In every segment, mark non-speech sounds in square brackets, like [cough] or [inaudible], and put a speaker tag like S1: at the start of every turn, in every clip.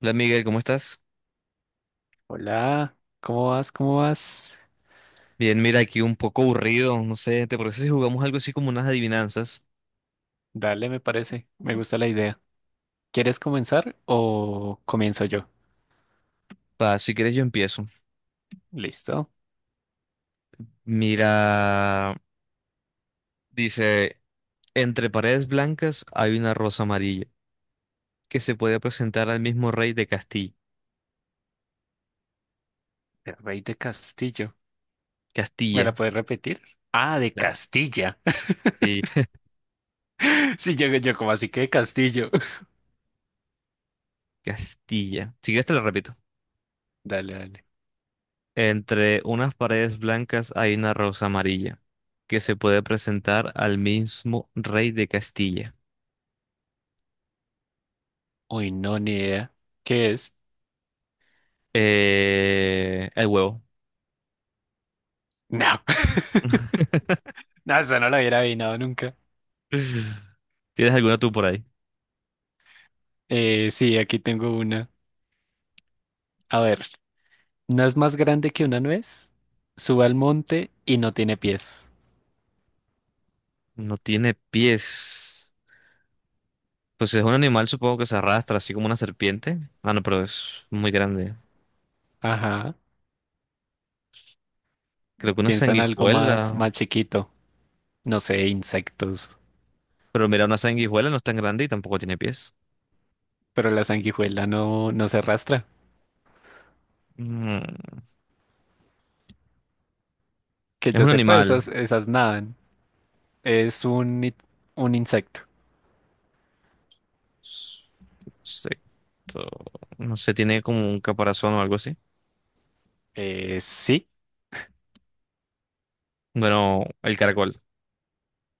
S1: Hola Miguel, ¿cómo estás?
S2: Hola, ¿cómo vas? ¿Cómo vas?
S1: Bien, mira, aquí un poco aburrido, no sé, ¿te parece si jugamos algo así como unas adivinanzas?
S2: Dale, me parece. Me gusta la idea. ¿Quieres comenzar o comienzo yo?
S1: Va, si quieres yo empiezo.
S2: Listo.
S1: Mira, dice, entre paredes blancas hay una rosa amarilla que se puede presentar al mismo rey de Castilla.
S2: El rey de Castillo. ¿Me la
S1: Castilla.
S2: puedes repetir? Ah, de Castilla. [laughs]
S1: Sí,
S2: Sí, yo como así que de Castillo. [laughs]
S1: Castilla. Si quieres te lo repito.
S2: Dale, dale.
S1: Entre unas paredes blancas hay una rosa amarilla que se puede presentar al mismo rey de Castilla.
S2: Uy, no, ni idea. ¿Qué es?
S1: El huevo.
S2: No. [laughs]
S1: [laughs]
S2: No, eso no lo hubiera adivinado nunca.
S1: [laughs] ¿Tienes alguna tú por ahí?
S2: Sí, aquí tengo una. A ver, ¿no es más grande que una nuez? Sube al monte y no tiene pies.
S1: No tiene pies. Pues es un animal, supongo que se arrastra, así como una serpiente. Ah, no, pero es muy grande.
S2: Ajá.
S1: Creo que una
S2: Piensa en algo
S1: sanguijuela.
S2: más chiquito. No sé, insectos.
S1: Pero mira, una sanguijuela no es tan grande y tampoco tiene pies.
S2: Pero la sanguijuela no se arrastra.
S1: Mm,
S2: Que
S1: Es
S2: yo
S1: un
S2: sepa,
S1: animal.
S2: esas nadan. Es un, un insecto.
S1: S- Insecto. No sé, tiene como un caparazón o algo así.
S2: Eh, sí,
S1: Bueno, el caracol.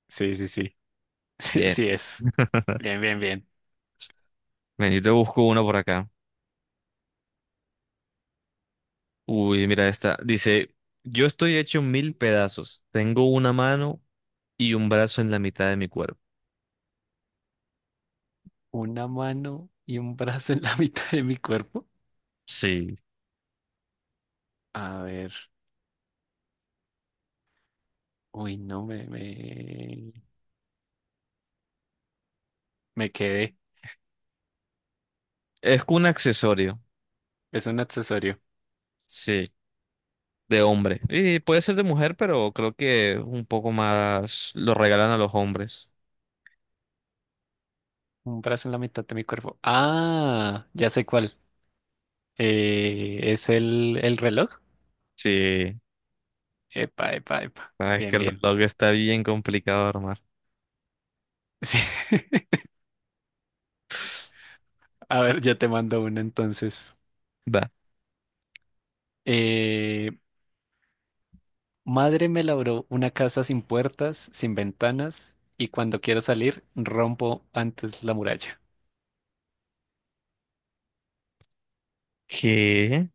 S2: sí, sí, sí. [laughs]
S1: Bien.
S2: Sí es. Bien, bien, bien.
S1: Ven, yo te busco uno por acá. Uy, mira esta. Dice, yo estoy hecho mil pedazos. Tengo una mano y un brazo en la mitad de mi cuerpo.
S2: Una mano y un brazo en la [laughs] mitad de mi cuerpo.
S1: Sí,
S2: A ver. Uy, no, me quedé.
S1: es un accesorio.
S2: Es un accesorio.
S1: Sí, de hombre. Y puede ser de mujer, pero creo que un poco más lo regalan a los hombres.
S2: Un brazo en la mitad de mi cuerpo. Ah, ya sé cuál. ¿Es el reloj?
S1: Sí.
S2: Epa, epa, epa.
S1: Ah, es que
S2: Bien,
S1: el
S2: bien.
S1: reloj está bien complicado de armar.
S2: [laughs] Sí.
S1: [sighs]
S2: A ver, yo te mando uno entonces.
S1: Va.
S2: Eh, madre me labró una casa sin puertas, sin ventanas, y cuando quiero salir, rompo antes la muralla.
S1: ¿Qué?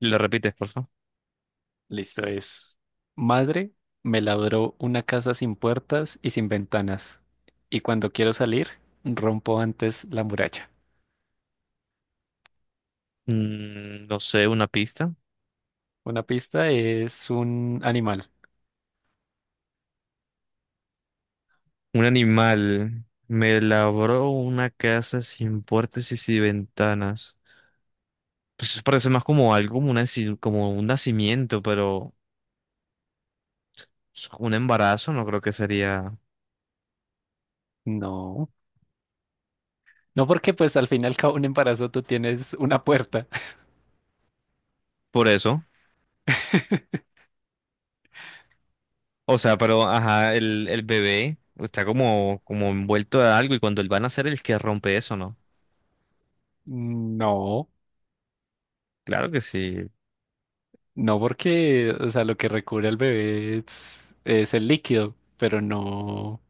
S1: ¿Lo repites, por favor?
S2: Listo es. Madre me labró una casa sin puertas y sin ventanas, y cuando quiero salir, rompo antes la muralla.
S1: Mm, no sé, una pista.
S2: Una pista es un animal.
S1: Un animal me labró una casa sin puertas y sin ventanas. Pues eso parece más como algo, como, una, como un nacimiento, pero un embarazo no creo que sería
S2: No. No porque pues al fin y al cabo un embarazo tú tienes una puerta.
S1: por eso.
S2: [laughs]
S1: O sea, pero ajá, el bebé está como, como envuelto de algo y cuando él va a nacer el que rompe eso, ¿no?
S2: No.
S1: Claro que sí.
S2: No porque, o sea, lo que recubre al bebé es el líquido, pero no,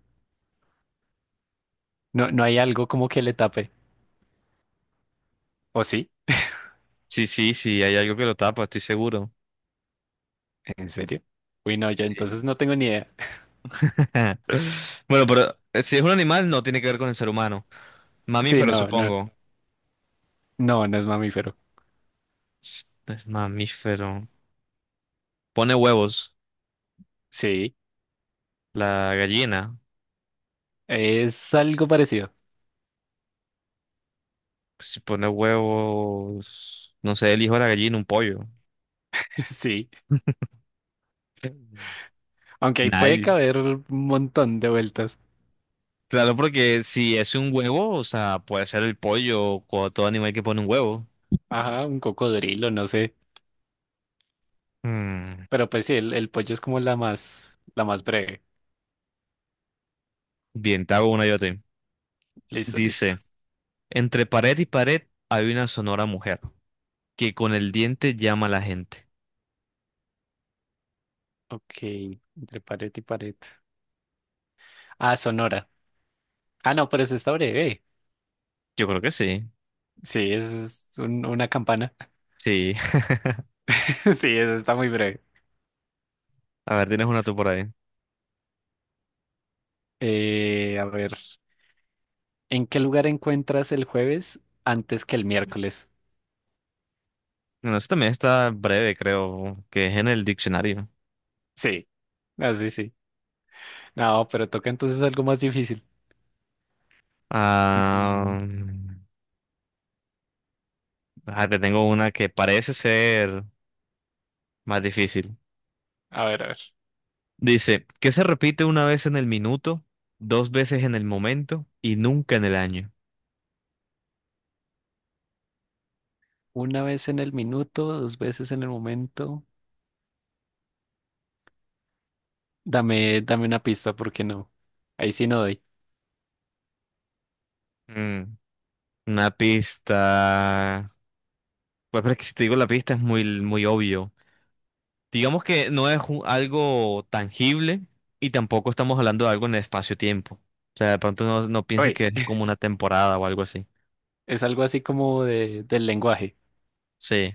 S2: no, no hay algo como que le tape. ¿O sí?
S1: Sí, sí, sí, hay algo que lo tapa, estoy seguro.
S2: ¿En serio? Uy, no, yo
S1: Sí.
S2: entonces no tengo ni idea. [laughs]
S1: [laughs] Bueno, pero si es un animal no tiene que ver con el ser humano.
S2: Sí,
S1: Mamífero, supongo.
S2: no es mamífero.
S1: Es mamífero. Pone huevos.
S2: Sí,
S1: La gallina.
S2: es algo parecido.
S1: Si pone huevos, no sé, el hijo de la gallina, un pollo.
S2: [laughs] Sí,
S1: [laughs]
S2: aunque ahí puede
S1: Nice.
S2: caber un montón de vueltas.
S1: Claro, porque si es un huevo, o sea, puede ser el pollo o todo animal que pone un huevo.
S2: Ajá, un cocodrilo, no sé.
S1: Mm,
S2: Pero pues sí, el pollo es como la más breve.
S1: bien, te hago una yo a ti.
S2: Listo,
S1: Dice,
S2: listo.
S1: entre pared y pared hay una sonora mujer que con el diente llama a la gente.
S2: Ok, entre pared y pared. Ah, Sonora. Ah, no, pero esa está breve.
S1: Yo creo que sí.
S2: Sí, es una campana.
S1: Sí. [laughs]
S2: [laughs] Sí, eso está muy breve.
S1: A ver, tienes una tú por ahí.
S2: A ver, ¿en qué lugar encuentras el jueves antes que el miércoles?
S1: Bueno, esta también está breve, creo, que es en el diccionario.
S2: Sí, así sí. No, pero toca entonces algo más difícil. Mm,
S1: Ah, te tengo una que parece ser más difícil.
S2: a ver, a ver.
S1: Dice, ¿qué se repite una vez en el minuto, dos veces en el momento y nunca en el año?
S2: Una vez en el minuto, dos veces en el momento. Dame una pista, porque no. Ahí sí no doy.
S1: Mm, una pista. Pues pero es que si te digo la pista es muy, muy obvio. Digamos que no es algo tangible y tampoco estamos hablando de algo en el espacio-tiempo. O sea, de pronto no, no pienses
S2: Oye,
S1: que es como
S2: [laughs]
S1: una temporada o algo así.
S2: es algo así como del lenguaje.
S1: Sí,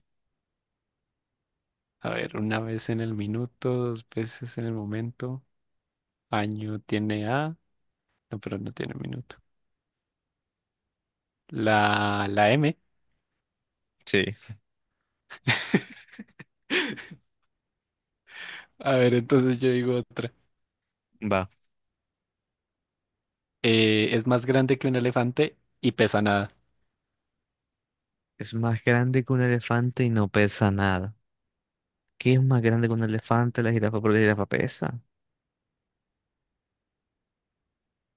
S2: A ver, una vez en el minuto, dos veces en el momento. Año tiene A. No, pero no tiene minuto. La M.
S1: sí,
S2: [laughs] A ver, entonces yo digo otra.
S1: va.
S2: Es más grande que un elefante y pesa nada.
S1: Es más grande que un elefante y no pesa nada. ¿Qué es más grande que un elefante? La jirafa, porque la jirafa pesa.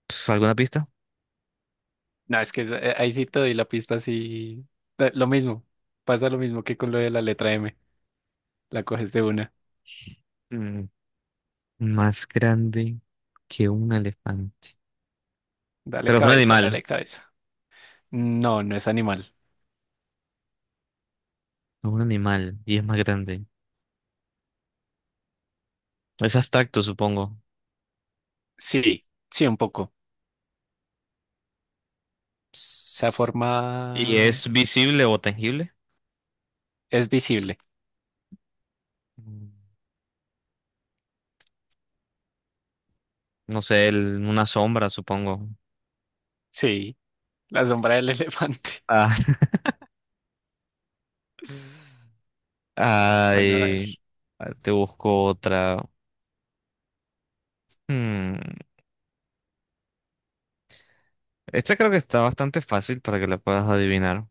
S1: Pf, ¿alguna pista?
S2: No, es que ahí sí te doy la pista así. Lo mismo. Pasa lo mismo que con lo de la letra M. La coges de una.
S1: Más grande que un elefante.
S2: Dale
S1: Pero es un
S2: cabeza,
S1: animal.
S2: dale cabeza. No, no es animal.
S1: No, un animal. Y es más grande. Es abstracto, supongo.
S2: Sí, sí, un poco. O sea,
S1: Ts- ¿Y
S2: forma
S1: es visible o tangible?
S2: es visible.
S1: Mm, no sé, una sombra, supongo.
S2: Sí, la sombra del elefante. [laughs]
S1: Ah, [laughs]
S2: Bueno, a ver.
S1: ay, ah, te busco otra. Hmm, esta creo que está bastante fácil para que la puedas adivinar.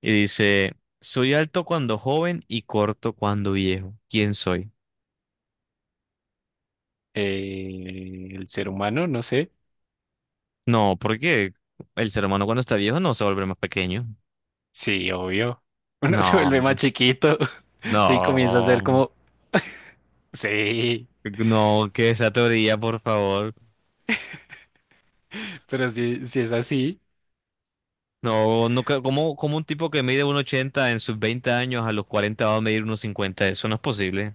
S1: Y dice, soy alto cuando joven y corto cuando viejo. ¿Quién soy?
S2: El ser humano, no sé.
S1: No, porque el ser humano cuando está viejo no se vuelve más pequeño.
S2: Sí, obvio. [laughs] Uno se vuelve más
S1: No,
S2: chiquito. [laughs] Sí, comienza a ser
S1: no,
S2: como, sí,
S1: no, que esa teoría, por favor.
S2: pero si es así,
S1: No, no, ¿cómo, cómo un tipo que mide 1,80 en sus 20 años a los 40 va a medir 1,50? Eso no es posible.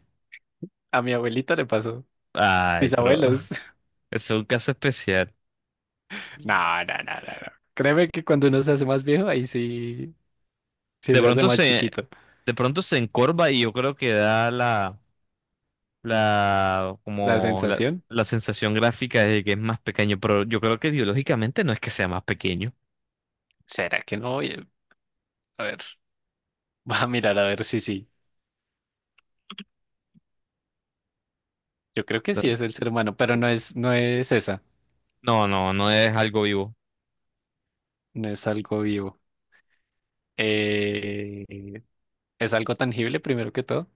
S2: a mi abuelita le pasó.
S1: Ay,
S2: Mis
S1: pero
S2: abuelos.
S1: [laughs]
S2: [laughs]
S1: es un caso especial.
S2: No. Créeme que cuando uno se hace más viejo, ahí sí, sí
S1: De
S2: se hace
S1: pronto
S2: más
S1: se,
S2: chiquito.
S1: de pronto se encorva y yo creo que da la, la,
S2: La
S1: como la,
S2: sensación,
S1: la sensación gráfica de que es más pequeño, pero yo creo que biológicamente no es que sea más pequeño.
S2: ¿será que no? Oye, a ver, [laughs] voy a mirar a ver si sí. Yo creo que sí es el ser humano, pero no es esa.
S1: No, no, no es algo vivo.
S2: No es algo vivo. Eh, ¿Es algo tangible primero que todo?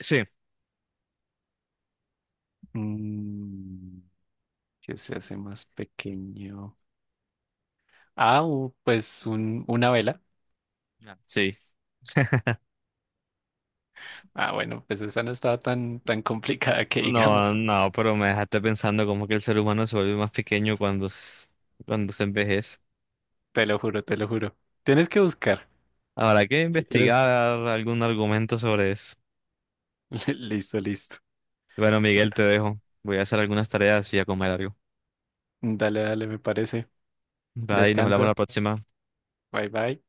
S1: Sí,
S2: Mm. Que se hace más pequeño. Ah, una vela.
S1: claro. Sí.
S2: Ah, bueno, pues esa no estaba tan complicada que
S1: No,
S2: digamos.
S1: no, pero me dejaste pensando como que el ser humano se vuelve más pequeño cuando, cuando se envejece.
S2: Te lo juro, te lo juro. Tienes que buscar.
S1: Habrá que
S2: Si quieres,
S1: investigar algún argumento sobre eso.
S2: [laughs] listo, listo.
S1: Bueno, Miguel,
S2: Bueno,
S1: te dejo. Voy a hacer algunas tareas y a comer algo.
S2: dale, dale, me parece.
S1: Bye, nos hablamos la
S2: Descansa.
S1: próxima.
S2: Bye, bye.